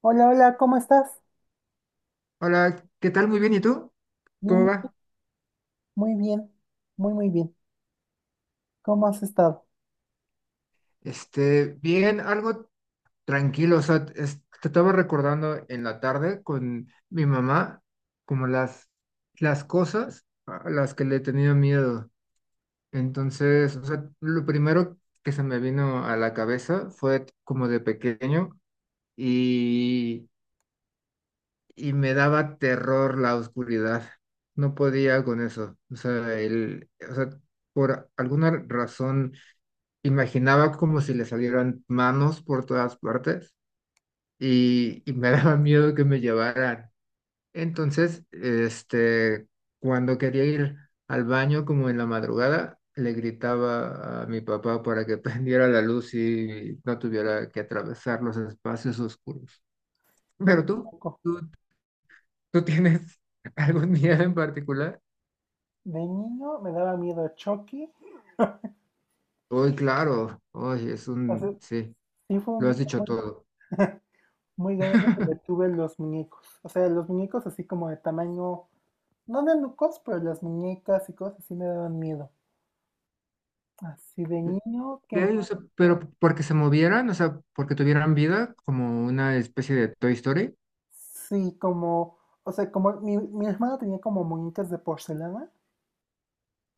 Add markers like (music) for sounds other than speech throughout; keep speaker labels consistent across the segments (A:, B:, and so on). A: Hola, hola, ¿cómo estás?
B: Hola, ¿qué tal? Muy bien, ¿y tú? ¿Cómo
A: Bien,
B: va?
A: muy bien, muy bien. ¿Cómo has estado?
B: Este, bien, algo tranquilo, o sea, te estaba recordando en la tarde con mi mamá como las cosas a las que le he tenido miedo. Entonces, o sea, lo primero que se me vino a la cabeza fue como de pequeño y, y me daba terror la oscuridad. No podía con eso. O sea, o sea, por alguna razón imaginaba como si le salieran manos por todas partes y me (laughs) daba miedo que me llevaran. Entonces, este, cuando quería ir al baño como en la madrugada, le gritaba a mi papá para que (laughs) prendiera la luz y no tuviera que atravesar los espacios oscuros.
A: Qué
B: Pero tú,
A: loco.
B: tú, tú tienes (laughs) algún miedo en particular?
A: De niño me daba miedo Chucky.
B: Hoy, claro, hoy es
A: O sea,
B: sí,
A: sí fue un
B: lo has
A: miedo
B: dicho todo.
A: muy grande que le tuve a los muñecos. O sea, los muñecos así como de tamaño, no de nucos, pero las muñecas y cosas así me daban miedo. Así de niño, ¿qué
B: Ok, o
A: más?
B: sea, pero porque se movieran, o sea, porque tuvieran vida, como una especie de Toy Story.
A: Sí, como, o sea, como mi hermana tenía como muñecas de porcelana.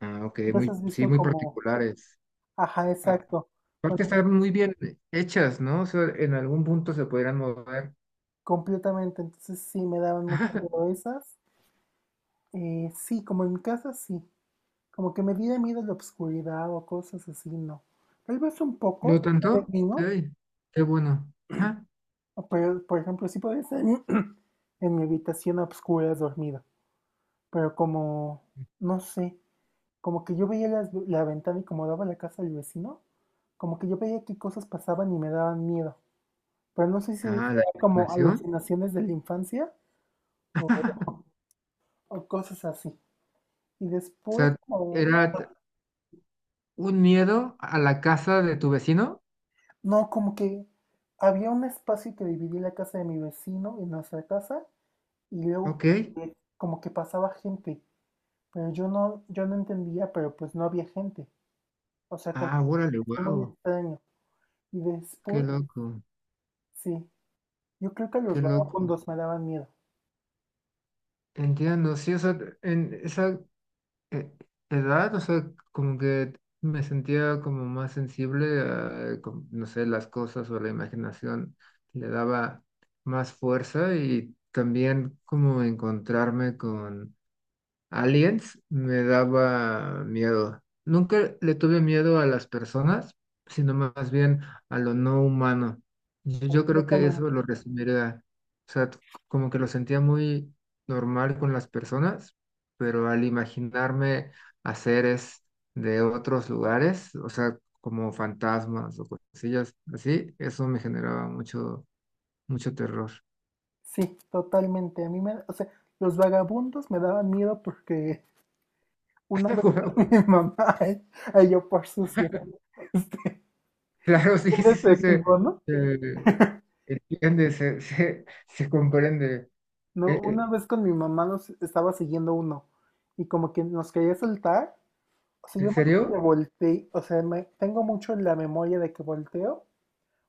B: Ah, ok,
A: ¿No
B: muy,
A: has
B: sí,
A: visto
B: muy
A: como,
B: particulares.
A: ajá,
B: Ah,
A: exacto. Con
B: aparte están muy bien hechas, ¿no? O sea, en algún punto se podrían mover.
A: completamente, entonces sí me daban
B: (laughs)
A: mucho
B: Ajá,
A: miedo esas. Sí, como en mi casa sí, como que me diera miedo la obscuridad o cosas así, no. Tal vez un poco,
B: ¿no
A: de
B: tanto? Ok,
A: niño,
B: qué bueno. Ajá.
A: o pero por ejemplo sí podía estar (clears throat) en mi habitación a obscuras dormida, pero como, no sé, como que yo veía la ventana y como daba la casa al vecino, como que yo veía qué cosas pasaban y me daban miedo, pero no sé si eran
B: Ah, la
A: como
B: imaginación.
A: alucinaciones de la infancia o
B: (laughs)
A: o cosas así. Y
B: O
A: después
B: sea,
A: como...
B: era t- un miedo a la casa de tu vecino.
A: No, como que había un espacio que dividía la casa de mi vecino y nuestra casa, y luego
B: Ok.
A: como que pasaba gente, pero yo no entendía, pero pues no había gente. O sea, como
B: Ah,
A: que
B: órale,
A: fue muy
B: wow.
A: extraño. Y
B: Qué
A: después,
B: loco,
A: sí, yo creo que los
B: qué loco.
A: vagabundos me daban miedo,
B: Entiendo, sí, o sea, en esa eh, edad, o sea, como que me sentía como más sensible a, no sé, las cosas o la imaginación le daba más fuerza y también como encontrarme con Aliens me daba miedo. Nunca le tuve miedo a las personas, sino más bien a lo no humano. Yo creo que
A: completamente.
B: eso lo resumiría. O sea, como que lo sentía muy normal con las personas, pero al imaginarme a seres de otros lugares, o sea, como fantasmas o cosillas así, eso me generaba mucho, mucho terror.
A: Sí, totalmente. A mí me, o sea, los vagabundos me daban miedo porque una vez
B: (laughs)
A: (laughs) mi mamá, ay, ay, yo por sucio, (laughs) este,
B: Claro, (laughs) sí,
A: es
B: sí, sí, se,
A: efectivo, ¿no?
B: se entiende, se comprende.
A: No,
B: Eh,
A: una
B: eh,
A: vez con mi mamá nos estaba siguiendo uno y como que nos quería soltar. O sea,
B: ¿En
A: yo me acuerdo que
B: serio?
A: volteé, o sea, me, tengo mucho en la memoria de que volteo.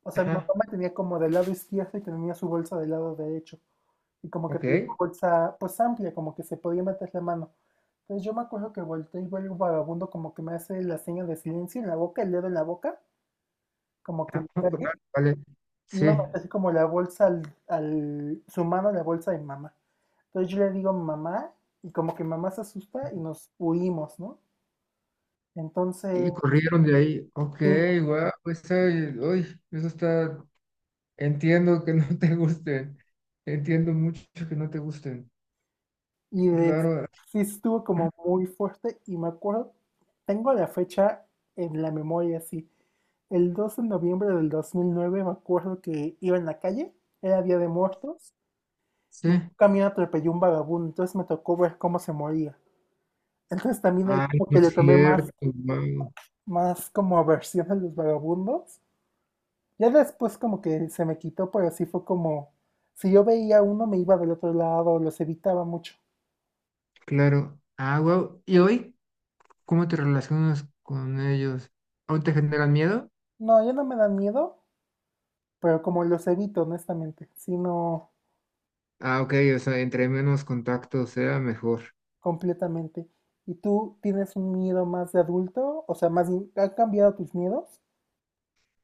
A: O sea, mi mamá
B: Ajá,
A: me tenía como del lado izquierdo y tenía su bolsa del lado derecho. Y como que tenía una
B: ok.
A: bolsa pues amplia, como que se podía meter la mano. Entonces yo me acuerdo que volteé y veo el vagabundo como que me hace la seña de silencio en la boca, el dedo en la boca, como que
B: Ah,
A: me
B: oh,
A: cae
B: vale,
A: iba a
B: sí.
A: meter así como la bolsa su mano a la bolsa de mamá. Entonces yo le digo mamá y como que mamá se asusta y nos huimos, ¿no? Entonces,
B: Y corrieron de ahí. Ok,
A: sí,
B: wow, eso, uy, eso está. Entiendo que no (laughs) te gusten. Entiendo mucho que no te gusten.
A: y de-
B: Claro,
A: sí estuvo como muy fuerte y me acuerdo, tengo la fecha en la memoria, sí. El 2 de noviembre de 2009 me acuerdo que iba en la calle, era Día de Muertos,
B: sí.
A: y un camión atropelló un vagabundo, entonces me tocó ver cómo se moría. Entonces también ahí
B: Ah,
A: como
B: no
A: que
B: es
A: le tomé
B: cierto, wow.
A: más como aversión a los vagabundos. Ya después como que se me quitó, pero sí fue como, si yo veía uno me iba del otro lado, los evitaba mucho.
B: Claro. Ah, wow. ¿Y hoy cómo te relacionas con ellos? ¿Aún te generan miedo?
A: No, ya no me dan miedo, pero como los evito honestamente, sino
B: Ah, ok, o sea, entre menos contactos sea mejor.
A: completamente. ¿Y tú tienes un miedo más de adulto? O sea, más bien, ¿han cambiado tus miedos?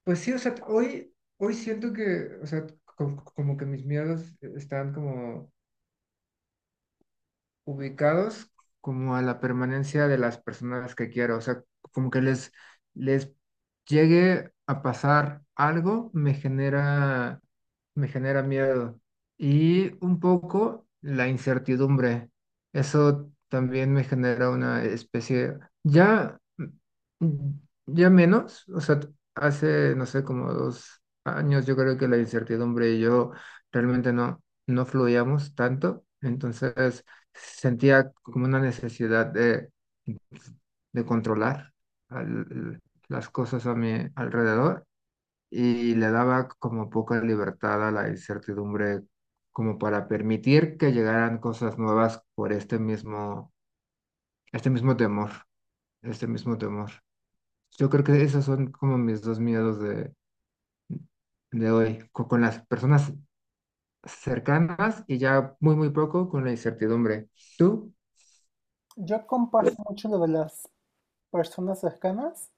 B: Pues sí, o sea, hoy, hoy siento que, o sea, como que mis miedos están como ubicados como a la permanencia de las personas que quiero, o sea, como que les llegue a pasar algo, me genera miedo y un poco la incertidumbre. Eso también me genera una especie, ya, mm, ya menos, o sea, hace, no sé, como 2 años, yo creo que la incertidumbre y yo realmente no fluíamos tanto, entonces sentía como una necesidad de, controlar al- las cosas a mi alrededor y le daba como poca libertad a la incertidumbre como para permitir que llegaran cosas nuevas por este mismo temor, este mismo temor. Yo creo que esos son como mis dos miedos de, hoy, con, las personas cercanas y ya muy, muy poco con la incertidumbre. ¿Tú?
A: Yo comparto mucho lo de las personas cercanas.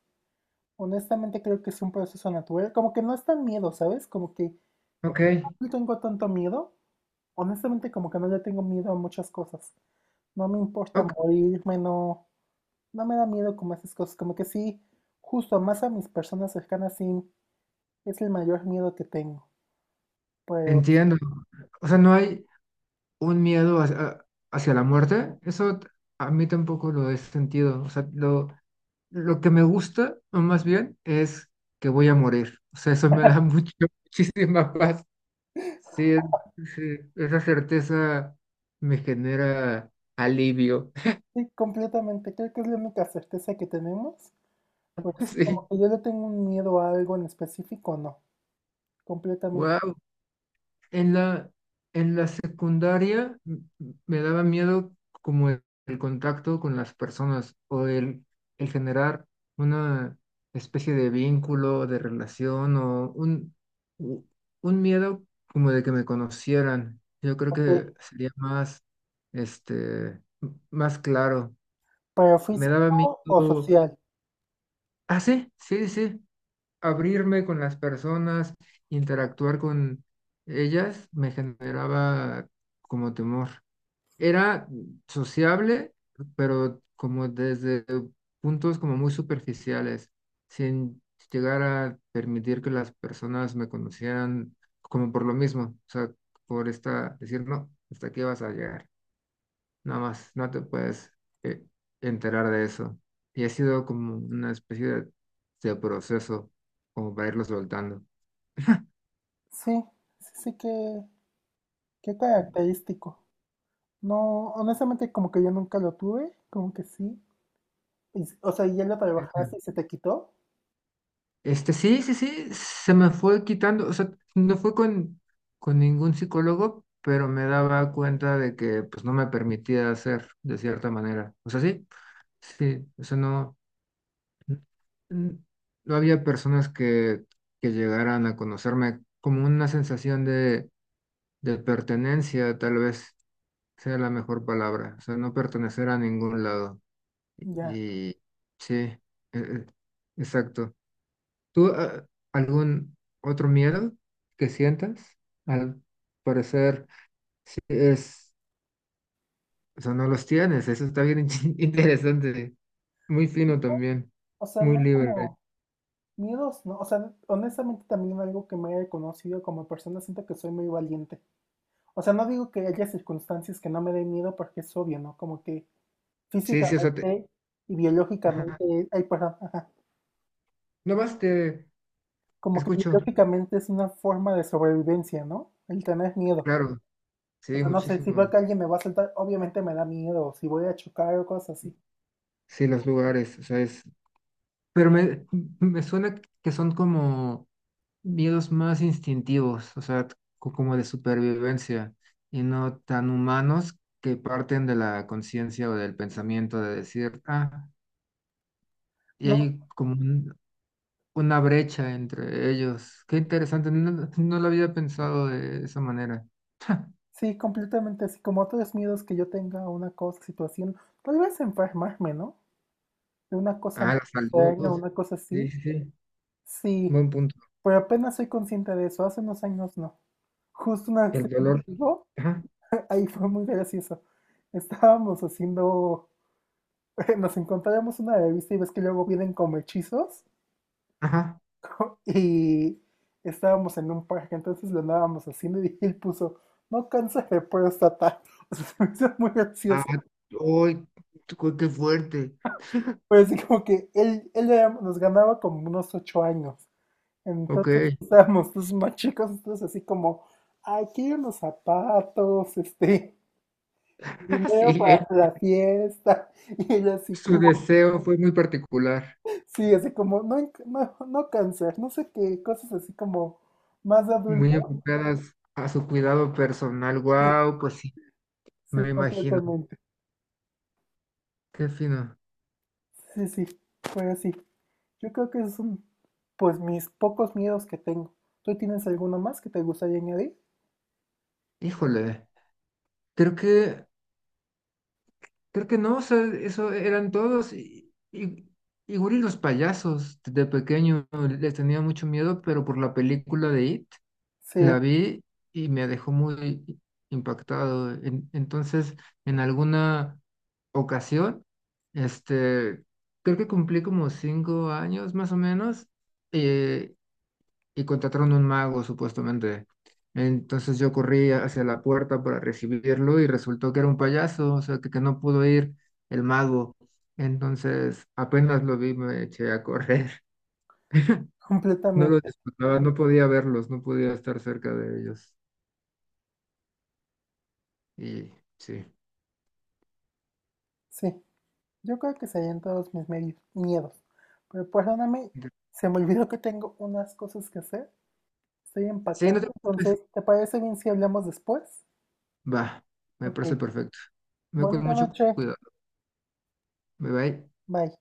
A: Honestamente creo que es un proceso natural. Como que no es tan miedo, ¿sabes? Como que
B: Ok,
A: no tengo tanto miedo. Honestamente, como que no le tengo miedo a muchas cosas. No me importa
B: ok,
A: morirme, no, no me da miedo como esas cosas. Como que sí, justo más a mis personas cercanas, sí, es el mayor miedo que tengo. Pero
B: entiendo. O sea, no hay un miedo hacia, la muerte. Eso a mí tampoco lo he sentido. O sea, lo que me gusta, o más bien, es que voy a morir. O sea, eso me da mucho, (laughs) muchísima paz. Sí, sí, esa certeza me genera alivio.
A: sí, completamente, creo que es la única certeza que tenemos. Porque
B: (laughs)
A: sí, como
B: Sí,
A: que yo le tengo un miedo a algo en específico, no, completamente.
B: wow. En la, en la, secundaria me daba miedo como el, contacto con las personas o el generar una especie de vínculo, de relación o u- un miedo como de que me conocieran. Yo creo
A: Ok,
B: que sería más, este, más claro.
A: pero
B: Me daba
A: físico o
B: miedo.
A: social.
B: Ah, sí, sí, sí abrirme con las personas, interactuar con ellas, me generaba como temor. Era sociable, pero como desde puntos como muy superficiales, sin llegar a permitir que las personas me conocieran como por lo mismo, o sea, por esta, decir, no, hasta aquí vas a llegar nada más, no te puedes eh, enterar de eso. Y ha sido como una especie de, proceso, como para irlo soltando.
A: Sí, sí que, qué característico. No, honestamente como que yo nunca lo tuve, como que sí. Y s o sea, y ya lo trabajaste y se te quitó,
B: Este, sí, sí, sí, se me fue quitando, o sea, no fue con ningún psicólogo, pero me daba cuenta de que pues no me permitía hacer de cierta manera. O sea, sí, sí, o sea, n- no había personas que, llegaran a conocerme como una sensación de pertenencia, tal vez, sea la mejor palabra, o sea, no pertenecer a ningún lado.
A: ya.
B: Y sí, eh, exacto. ¿Tú algún otro miedo que sientas? Al parecer, sí es, o sea, no los tienes, eso está bien (laughs) interesante, muy fino también,
A: O sea,
B: muy
A: no
B: libre.
A: como miedos, no. O sea, honestamente también algo que me he reconocido como persona, siento que soy muy valiente. O sea, no digo que haya circunstancias que no me den miedo porque es obvio, ¿no? Como que
B: Sí, sí, o sea,
A: físicamente y
B: ajá.
A: biológicamente, ay, perdón, ajá,
B: No más te
A: como que
B: escucho,
A: biológicamente es una forma de sobrevivencia, ¿no? El tener miedo.
B: claro,
A: O
B: sí,
A: sea, no sé, si veo
B: muchísimo.
A: que alguien me va a saltar, obviamente me da miedo, o si voy a chocar o cosas así.
B: Sí, los lugares, o sea, es, pero me suena que son como miedos más instintivos, o sea, como de supervivencia y no tan humanos que parten de la conciencia o del pensamiento de decir, ah, y
A: No,
B: hay como una brecha entre ellos. Qué interesante, no, no lo había pensado de esa manera. (laughs)
A: sí, completamente así como otros miedos que yo tenga a una cosa, situación, tal vez enfermarme, ¿no? De una cosa
B: Ah,
A: muy
B: la salud.
A: extraña, una cosa
B: Sí,
A: así.
B: sí, sí,
A: Sí,
B: buen punto.
A: pero apenas soy consciente de eso, hace unos años no. Justo una vez
B: El
A: tenía un
B: dolor.
A: amigo,
B: Ajá,
A: (laughs) ahí fue muy gracioso. Estábamos haciendo, (laughs) nos encontrábamos una revista y ves que luego vienen como hechizos
B: ajá.
A: (laughs) y estábamos en un parque, entonces lo andábamos haciendo y (laughs) él puso, no cáncer de próstata. (laughs) O sea, se me hizo muy
B: Ah,
A: gracioso.
B: uy, qué fuerte.
A: Pero así como que nos ganaba como unos 8 años. Entonces
B: Ok.
A: estábamos los más chicos, entonces así como, ay, quiero unos zapatos, este, (laughs)
B: (laughs)
A: dinero
B: Sí,
A: para la fiesta. (laughs) Y él así
B: su
A: como,
B: deseo fue muy particular.
A: sí, así como, no, no cáncer, no sé qué, cosas así como más de adulto.
B: Muy enfocadas a su cuidado personal. Wow, pues sí,
A: Sí,
B: me imagino.
A: completamente.
B: Qué fino.
A: Sí, sí, fue así. Yo creo que es un, pues mis pocos miedos que tengo. ¿Tú tienes alguno más que te gustaría añadir?
B: Híjole, creo que, creo que no, o sea, eso eran todos. Y, igual y los payasos de pequeño les tenía mucho miedo, pero por la película de It la
A: Sí,
B: vi y me dejó muy impactado. Entonces, en alguna ocasión, este, creo que cumplí como 5 años más o menos eh, y contrataron un mago, supuestamente. Entonces yo corrí hacia la puerta para recibirlo y resultó que era un payaso, o sea, que, no pudo ir el mago. Entonces apenas lo vi, me eché a correr. (laughs) No lo
A: completamente.
B: disfrutaba, no podía verlos, no podía estar cerca de ellos. Y sí.
A: Sí. Yo creo que serían todos mis miedos. Pero perdóname, se me olvidó que tengo unas cosas que hacer. Estoy
B: Sí, no te
A: empacando.
B: preocupes.
A: Entonces, ¿te parece bien si hablamos después?
B: Va, me
A: Ok.
B: parece perfecto. Me voy con
A: Bonita
B: mucho
A: noche.
B: cuidado. Bye bye.
A: Bye.